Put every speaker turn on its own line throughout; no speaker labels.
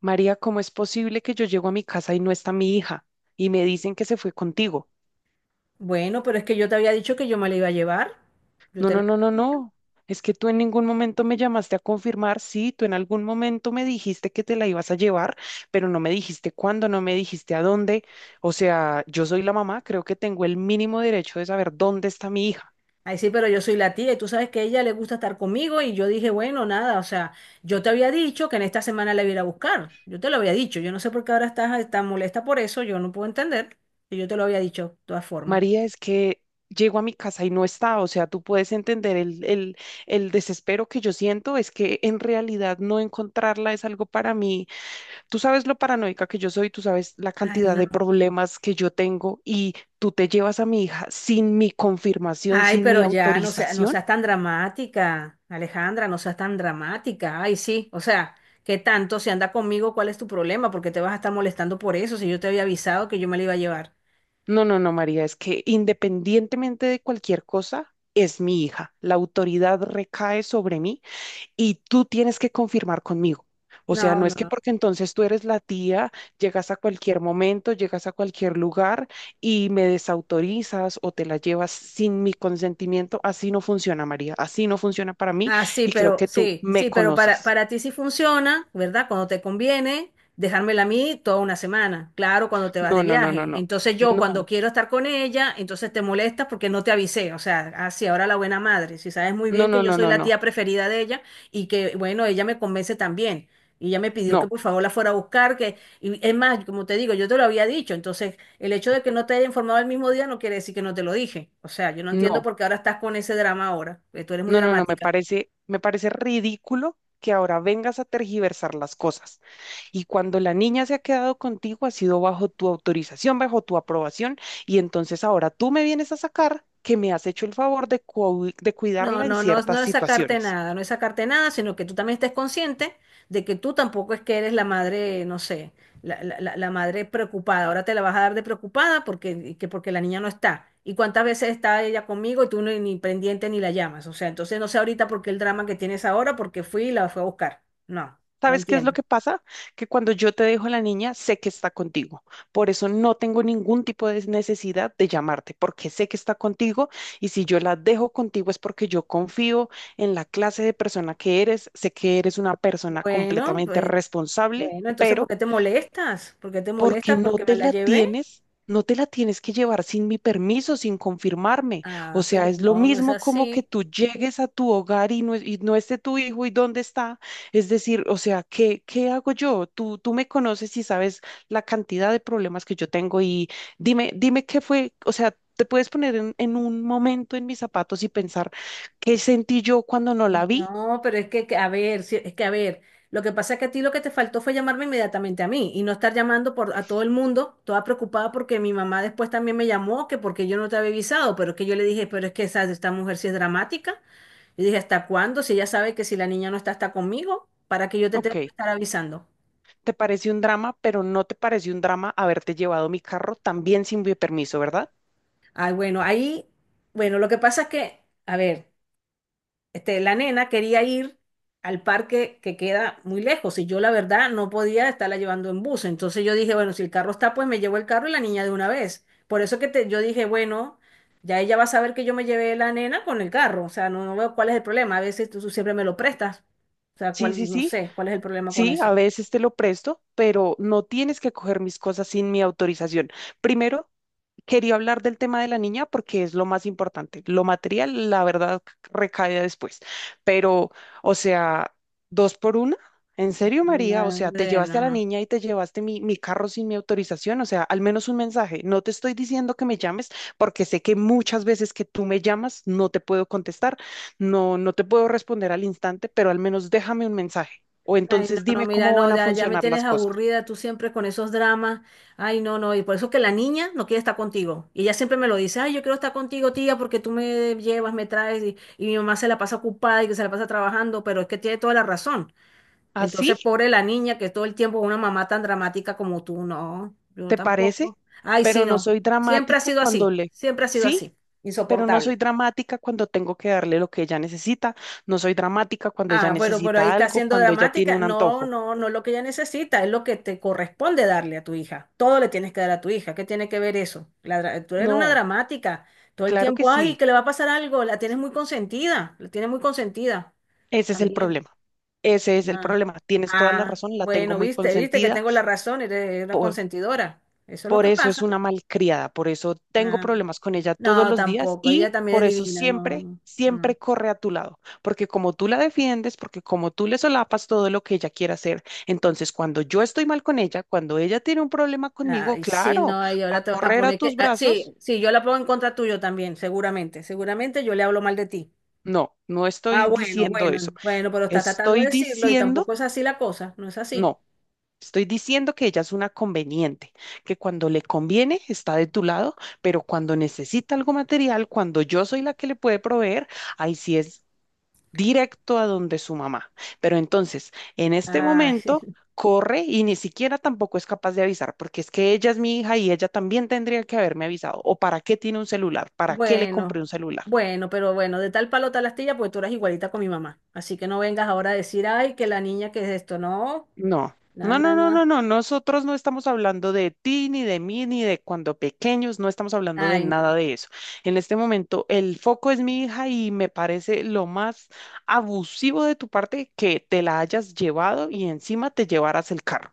María, ¿cómo es posible que yo llego a mi casa y no está mi hija? Y me dicen que se fue contigo.
Bueno, pero es que yo te había dicho que yo me la iba a llevar. Yo
No,
te lo...
no, no, no, no. Es que tú en ningún momento me llamaste a confirmar. Sí, tú en algún momento me dijiste que te la ibas a llevar, pero no me dijiste cuándo, no me dijiste a dónde. O sea, yo soy la mamá, creo que tengo el mínimo derecho de saber dónde está mi hija.
Ay, sí, pero yo soy la tía y tú sabes que a ella le gusta estar conmigo y yo dije, bueno, nada, o sea, yo te había dicho que en esta semana la iba a ir a buscar. Yo te lo había dicho. Yo no sé por qué ahora estás tan molesta por eso. Yo no puedo entender. Y yo te lo había dicho de todas formas.
María, es que llego a mi casa y no está. O sea, tú puedes entender el desespero que yo siento. Es que en realidad no encontrarla es algo para mí. Tú sabes lo paranoica que yo soy, tú sabes la
Ay,
cantidad
no.
de problemas que yo tengo y tú te llevas a mi hija sin mi confirmación,
Ay,
sin mi
pero ya, no
autorización.
seas tan dramática, Alejandra, no seas tan dramática. Ay, sí, o sea, ¿qué tanto? Si anda conmigo, ¿cuál es tu problema? Porque te vas a estar molestando por eso, si yo te había avisado que yo me la iba a llevar.
No, no, no, María, es que independientemente de cualquier cosa, es mi hija. La autoridad recae sobre mí y tú tienes que confirmar conmigo. O sea,
No,
no
no.
es que
No.
porque entonces tú eres la tía, llegas a cualquier momento, llegas a cualquier lugar y me desautorizas o te la llevas sin mi consentimiento. Así no funciona, María. Así no funciona para mí,
Ah, sí,
y creo
pero
que tú
sí,
me
sí, pero para,
conoces.
para ti sí funciona, ¿verdad? Cuando te conviene, dejármela a mí toda una semana, claro, cuando te vas
No,
de
no, no, no,
viaje.
no.
Entonces yo cuando
No,
quiero estar con ella, entonces te molestas porque no te avisé, o sea, así ahora la buena madre, si sabes muy
no,
bien que
no,
yo
no,
soy
no,
la
no.
tía preferida de ella y que, bueno, ella me convence también. Y ella me pidió que
No,
por favor la fuera a buscar, que, y es más, como te digo, yo te lo había dicho, entonces el hecho de que no te haya informado el mismo día no quiere decir que no te lo dije. O sea, yo no entiendo
no,
por qué ahora estás con ese drama ahora, que tú eres muy
no, no, no.
dramática.
Me parece ridículo que ahora vengas a tergiversar las cosas. Y cuando la niña se ha quedado contigo, ha sido bajo tu autorización, bajo tu aprobación, y entonces ahora tú me vienes a sacar que me has hecho el favor de, de
No,
cuidarla en
no, no,
ciertas
no es sacarte
situaciones.
nada, no es sacarte nada, sino que tú también estés consciente de que tú tampoco es que eres la madre, no sé, la madre preocupada. Ahora te la vas a dar de preocupada porque, que porque la niña no está. ¿Y cuántas veces está ella conmigo y tú ni pendiente ni la llamas? O sea, entonces no sé ahorita por qué el drama que tienes ahora, porque fui y la fue a buscar. No, no
¿Sabes qué es lo
entiendo.
que pasa? Que cuando yo te dejo a la niña, sé que está contigo. Por eso no tengo ningún tipo de necesidad de llamarte, porque sé que está contigo y si yo la dejo contigo es porque yo confío en la clase de persona que eres, sé que eres una persona
Bueno,
completamente
pues,
responsable,
bueno, entonces ¿por
pero
qué te molestas? ¿Por qué te
porque
molestas?
no
¿Porque me
te
la
la
llevé?
tienes, no te la tienes que llevar sin mi permiso, sin confirmarme. O
Ah,
sea,
pero
es lo
no, no es
mismo como que
así.
tú llegues a tu hogar y no esté tu hijo y dónde está. Es decir, o sea, ¿qué hago yo? Tú me conoces y sabes la cantidad de problemas que yo tengo y dime, dime qué fue, o sea, te puedes poner en un momento en mis zapatos y pensar qué sentí yo cuando no la vi.
No, pero es que, a ver, sí, es que, a ver, lo que pasa es que a ti lo que te faltó fue llamarme inmediatamente a mí y no estar llamando por, a todo el mundo, toda preocupada porque mi mamá después también me llamó, que porque yo no te había avisado, pero es que yo le dije, pero es que esta mujer sí es dramática. Yo dije, ¿hasta cuándo? Si ella sabe que si la niña no está, está conmigo, ¿para que yo te tenga
Ok.
que estar avisando?
Te parece un drama, pero no te parece un drama haberte llevado mi carro también sin mi permiso, ¿verdad?
Ay, bueno, ahí, bueno, lo que pasa es que, a ver. La nena quería ir al parque que queda muy lejos y yo la verdad no podía estarla llevando en bus. Entonces yo dije, bueno, si el carro está, pues me llevo el carro y la niña de una vez. Por eso que te, yo dije, bueno, ya ella va a saber que yo me llevé la nena con el carro. O sea, no, no veo cuál es el problema. A veces tú siempre me lo prestas. O sea,
Sí, sí,
cuál, no
sí,
sé, cuál es el problema con
sí, a
eso.
veces te lo presto, pero no tienes que coger mis cosas sin mi autorización. Primero, quería hablar del tema de la niña porque es lo más importante. Lo material, la verdad, recae después. Pero, o sea, dos por una. ¿En serio, María? O sea, te llevaste a la
Nada.
niña y te llevaste mi carro sin mi autorización. O sea, al menos un mensaje. No te estoy diciendo que me llames porque sé que muchas veces que tú me llamas no te puedo contestar, no, no te puedo responder al instante, pero al menos déjame un mensaje. O
Ay, no,
entonces
no,
dime
mira,
cómo
no,
van a
ya, ya me
funcionar
tienes
las cosas.
aburrida tú siempre con esos dramas. Ay, no, no, y por eso que la niña no quiere estar contigo. Y ella siempre me lo dice, ay, yo quiero estar contigo, tía, porque tú me llevas, me traes, y mi mamá se la pasa ocupada y que se la pasa trabajando, pero es que tiene toda la razón.
¿Así?
Entonces, pobre la niña que todo el tiempo una mamá tan dramática como tú, no, yo
¿Te parece?
tampoco. Ay,
Pero
sí,
no
no,
soy
siempre ha
dramática
sido
cuando
así,
le...
siempre ha sido
Sí,
así,
pero no soy
insoportable.
dramática cuando tengo que darle lo que ella necesita. No soy dramática cuando ella
Ah, bueno, pero ahí
necesita
está
algo,
siendo
cuando ella tiene
dramática.
un
No,
antojo.
no, no es lo que ella necesita, es lo que te corresponde darle a tu hija. Todo le tienes que dar a tu hija. ¿Qué tiene que ver eso? Tú eres una
No,
dramática. Todo el
claro que
tiempo, ay,
sí.
que le va a pasar algo. La tienes muy consentida, la tienes muy consentida
Ese es el
también.
problema. Ese es el
Ah,
problema. Tienes toda la
ah,
razón, la tengo
bueno,
muy
viste, viste que
consentida.
tengo la razón, eres una consentidora. Eso es lo
Por
que
eso es
pasa.
una malcriada, por eso tengo
Ah,
problemas con ella todos
no,
los días
tampoco. Ella
y
también
por
es
eso
divina, no,
siempre,
no.
siempre
No.
corre a tu lado, porque como tú la defiendes, porque como tú le solapas todo lo que ella quiere hacer, entonces cuando yo estoy mal con ella, cuando ella tiene un problema conmigo,
Ay, sí,
claro,
no, y
va a
ahora te vas a
correr a
poner que...
tus
ah, sí,
brazos.
sí, yo la pongo en contra tuyo también, seguramente. Seguramente yo le hablo mal de ti.
No, no
Ah,
estoy
bueno,
diciendo eso.
bueno, bueno, pero estás tratando de
Estoy
decirlo y
diciendo,
tampoco es así la cosa, no es así.
no. Estoy diciendo que ella es una conveniente, que cuando le conviene está de tu lado, pero cuando necesita algo material, cuando yo soy la que le puede proveer, ahí sí es directo a donde su mamá. Pero entonces, en este
Ay,
momento, corre y ni siquiera tampoco es capaz de avisar, porque es que ella es mi hija y ella también tendría que haberme avisado. ¿O para qué tiene un celular? ¿Para qué le compré
bueno,
un celular?
bueno, pero bueno, de tal palo tal astilla, pues tú eras igualita con mi mamá. Así que no vengas ahora a decir, ay, que la niña que es esto, no,
No,
no,
no,
no,
no, no, no,
no.
no. Nosotros no estamos hablando de ti, ni de mí, ni de cuando pequeños, no estamos hablando de
Ay.
nada de eso. En este momento, el foco es mi hija y me parece lo más abusivo de tu parte que te la hayas llevado y encima te llevaras el carro.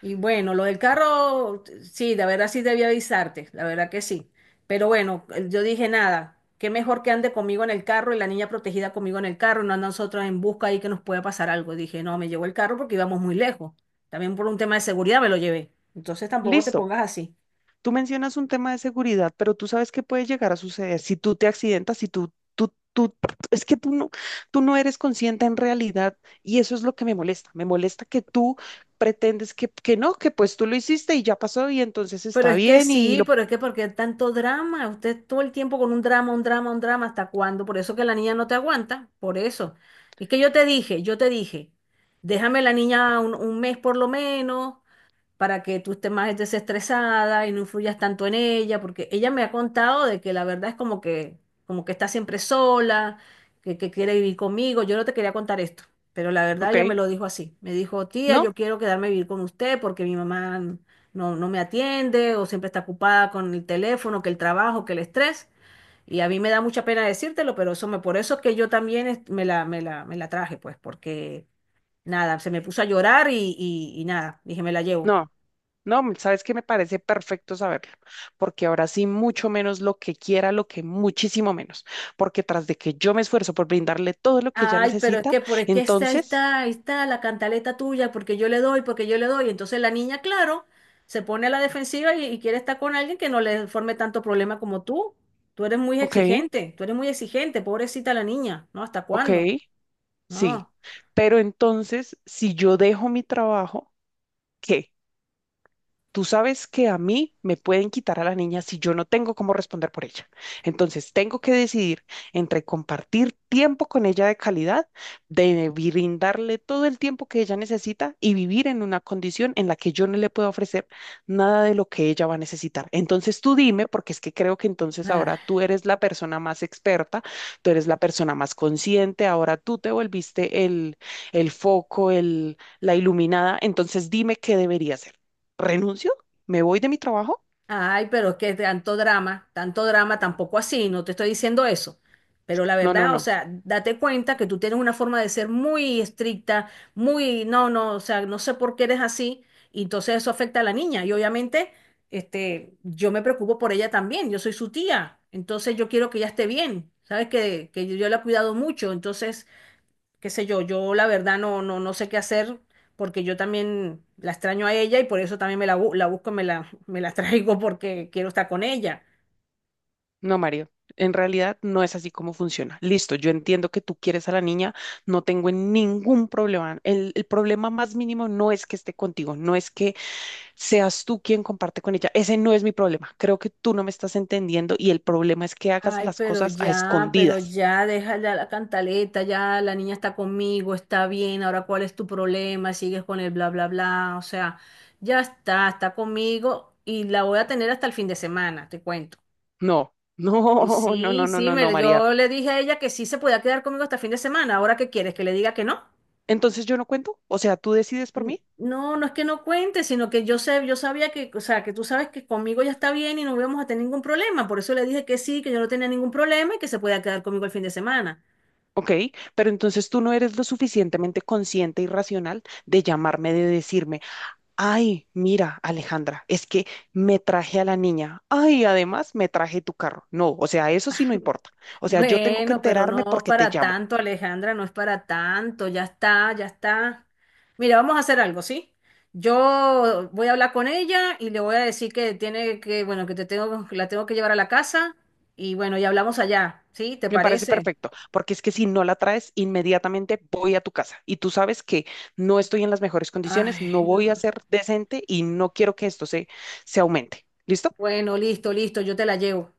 Y bueno, lo del carro, sí, la verdad sí debí avisarte, la verdad que sí. Pero bueno, yo dije nada, qué mejor que ande conmigo en el carro y la niña protegida conmigo en el carro, no a nosotros en busca ahí que nos pueda pasar algo. Dije, no, me llevo el carro porque íbamos muy lejos. También por un tema de seguridad me lo llevé. Entonces tampoco te
Listo.
pongas así.
Tú mencionas un tema de seguridad, pero tú sabes qué puede llegar a suceder si tú te accidentas, si tú, es que tú no eres consciente en realidad y eso es lo que me molesta. Me molesta que tú pretendes que no, que pues tú lo hiciste y ya pasó y entonces
Pero
está
es que
bien y
sí,
lo,
pero es que porque tanto drama, usted todo el tiempo con un drama, un drama, un drama, ¿hasta cuándo? Por eso que la niña no te aguanta, por eso. Es que yo te dije, déjame la niña 1 mes por lo menos, para que tú estés más desestresada y no influyas tanto en ella, porque ella me ha contado de que la verdad es como que está siempre sola, que quiere vivir conmigo. Yo no te quería contar esto, pero la verdad
ok,
ella me lo dijo así. Me dijo, tía,
no,
yo quiero quedarme a vivir con usted porque mi mamá no, no me atiende o siempre está ocupada con el teléfono, que el trabajo, que el estrés. Y a mí me da mucha pena decírtelo, pero eso me, por eso es que yo también me la, me la, me la traje, pues, porque nada, se me puso a llorar y nada, dije, me la llevo.
no. No, sabes que me parece perfecto saberlo, porque ahora sí mucho menos lo que quiera, lo que muchísimo menos, porque tras de que yo me esfuerzo por brindarle todo lo que ella
Ay, pero es
necesita,
que, por es que está, ahí
entonces,
está, ahí está la cantaleta tuya, porque yo le doy, porque yo le doy. Entonces la niña, claro, se pone a la defensiva y quiere estar con alguien que no le forme tanto problema como tú. Tú eres muy
ok,
exigente, tú eres muy exigente, pobrecita la niña, ¿no? ¿Hasta
ok.
cuándo?
Sí,
No.
pero entonces, si yo dejo mi trabajo, ¿qué? Tú sabes que a mí me pueden quitar a la niña si yo no tengo cómo responder por ella. Entonces, tengo que decidir entre compartir tiempo con ella de calidad, de brindarle todo el tiempo que ella necesita y vivir en una condición en la que yo no le puedo ofrecer nada de lo que ella va a necesitar. Entonces, tú dime, porque es que creo que entonces ahora
Ah.
tú eres la persona más experta, tú eres la persona más consciente, ahora tú te volviste el foco, el, la iluminada. Entonces, dime qué debería hacer. ¿Renuncio? ¿Me voy de mi trabajo?
Ay, pero es que tanto drama, tampoco así, no te estoy diciendo eso. Pero la
No, no,
verdad, o
no,
sea, date cuenta que tú tienes una forma de ser muy estricta, muy, no, no, o sea, no sé por qué eres así, y entonces eso afecta a la niña. Y obviamente, yo me preocupo por ella también, yo soy su tía, entonces yo quiero que ella esté bien, sabes que yo la he cuidado mucho, entonces qué sé yo, yo la verdad no, no, no sé qué hacer porque yo también la extraño a ella y por eso también me la, la busco, me la, me la traigo porque quiero estar con ella.
no, Mario. En realidad no es así como funciona. Listo, yo entiendo que tú quieres a la niña, no tengo ningún problema. El problema más mínimo no es que esté contigo, no es que seas tú quien comparte con ella. Ese no es mi problema. Creo que tú no me estás entendiendo y el problema es que hagas
Ay,
las cosas a
pero
escondidas.
ya, déjala la cantaleta, ya la niña está conmigo, está bien, ahora cuál es tu problema, sigues con el bla, bla, bla, o sea, ya está, está conmigo y la voy a tener hasta el fin de semana, te cuento.
No,
Y
no, no,
sí,
no, no,
sí,
no, no,
me,
María.
yo le dije a ella que sí se podía quedar conmigo hasta el fin de semana, ¿ahora qué quieres? ¿Que le diga que no?
Entonces yo no cuento, o sea, tú decides por mí.
No, no es que no cuente, sino que yo sé, yo sabía que, o sea, que tú sabes que conmigo ya está bien y no íbamos a tener ningún problema. Por eso le dije que sí, que yo no tenía ningún problema y que se podía quedar conmigo el fin de semana.
Ok, pero entonces tú no eres lo suficientemente consciente y racional de llamarme, de decirme, ay, mira, Alejandra, es que me traje a la niña, ay, además me traje tu carro. No, o sea, eso sí no importa. O sea, yo tengo que
Bueno, pero
enterarme
no es
porque te
para
llamo.
tanto, Alejandra, no es para tanto, ya está, ya está. Mira, vamos a hacer algo, ¿sí? Yo voy a hablar con ella y le voy a decir que tiene que, bueno, que te tengo, que la tengo que llevar a la casa y bueno, y hablamos allá, ¿sí? ¿Te
Me parece
parece?
perfecto, porque es que si no la traes, inmediatamente voy a tu casa y tú sabes que no estoy en las mejores condiciones,
Ay,
no voy
no.
a ser decente y no quiero que esto se aumente. ¿Listo?
Bueno, listo, listo, yo te la llevo.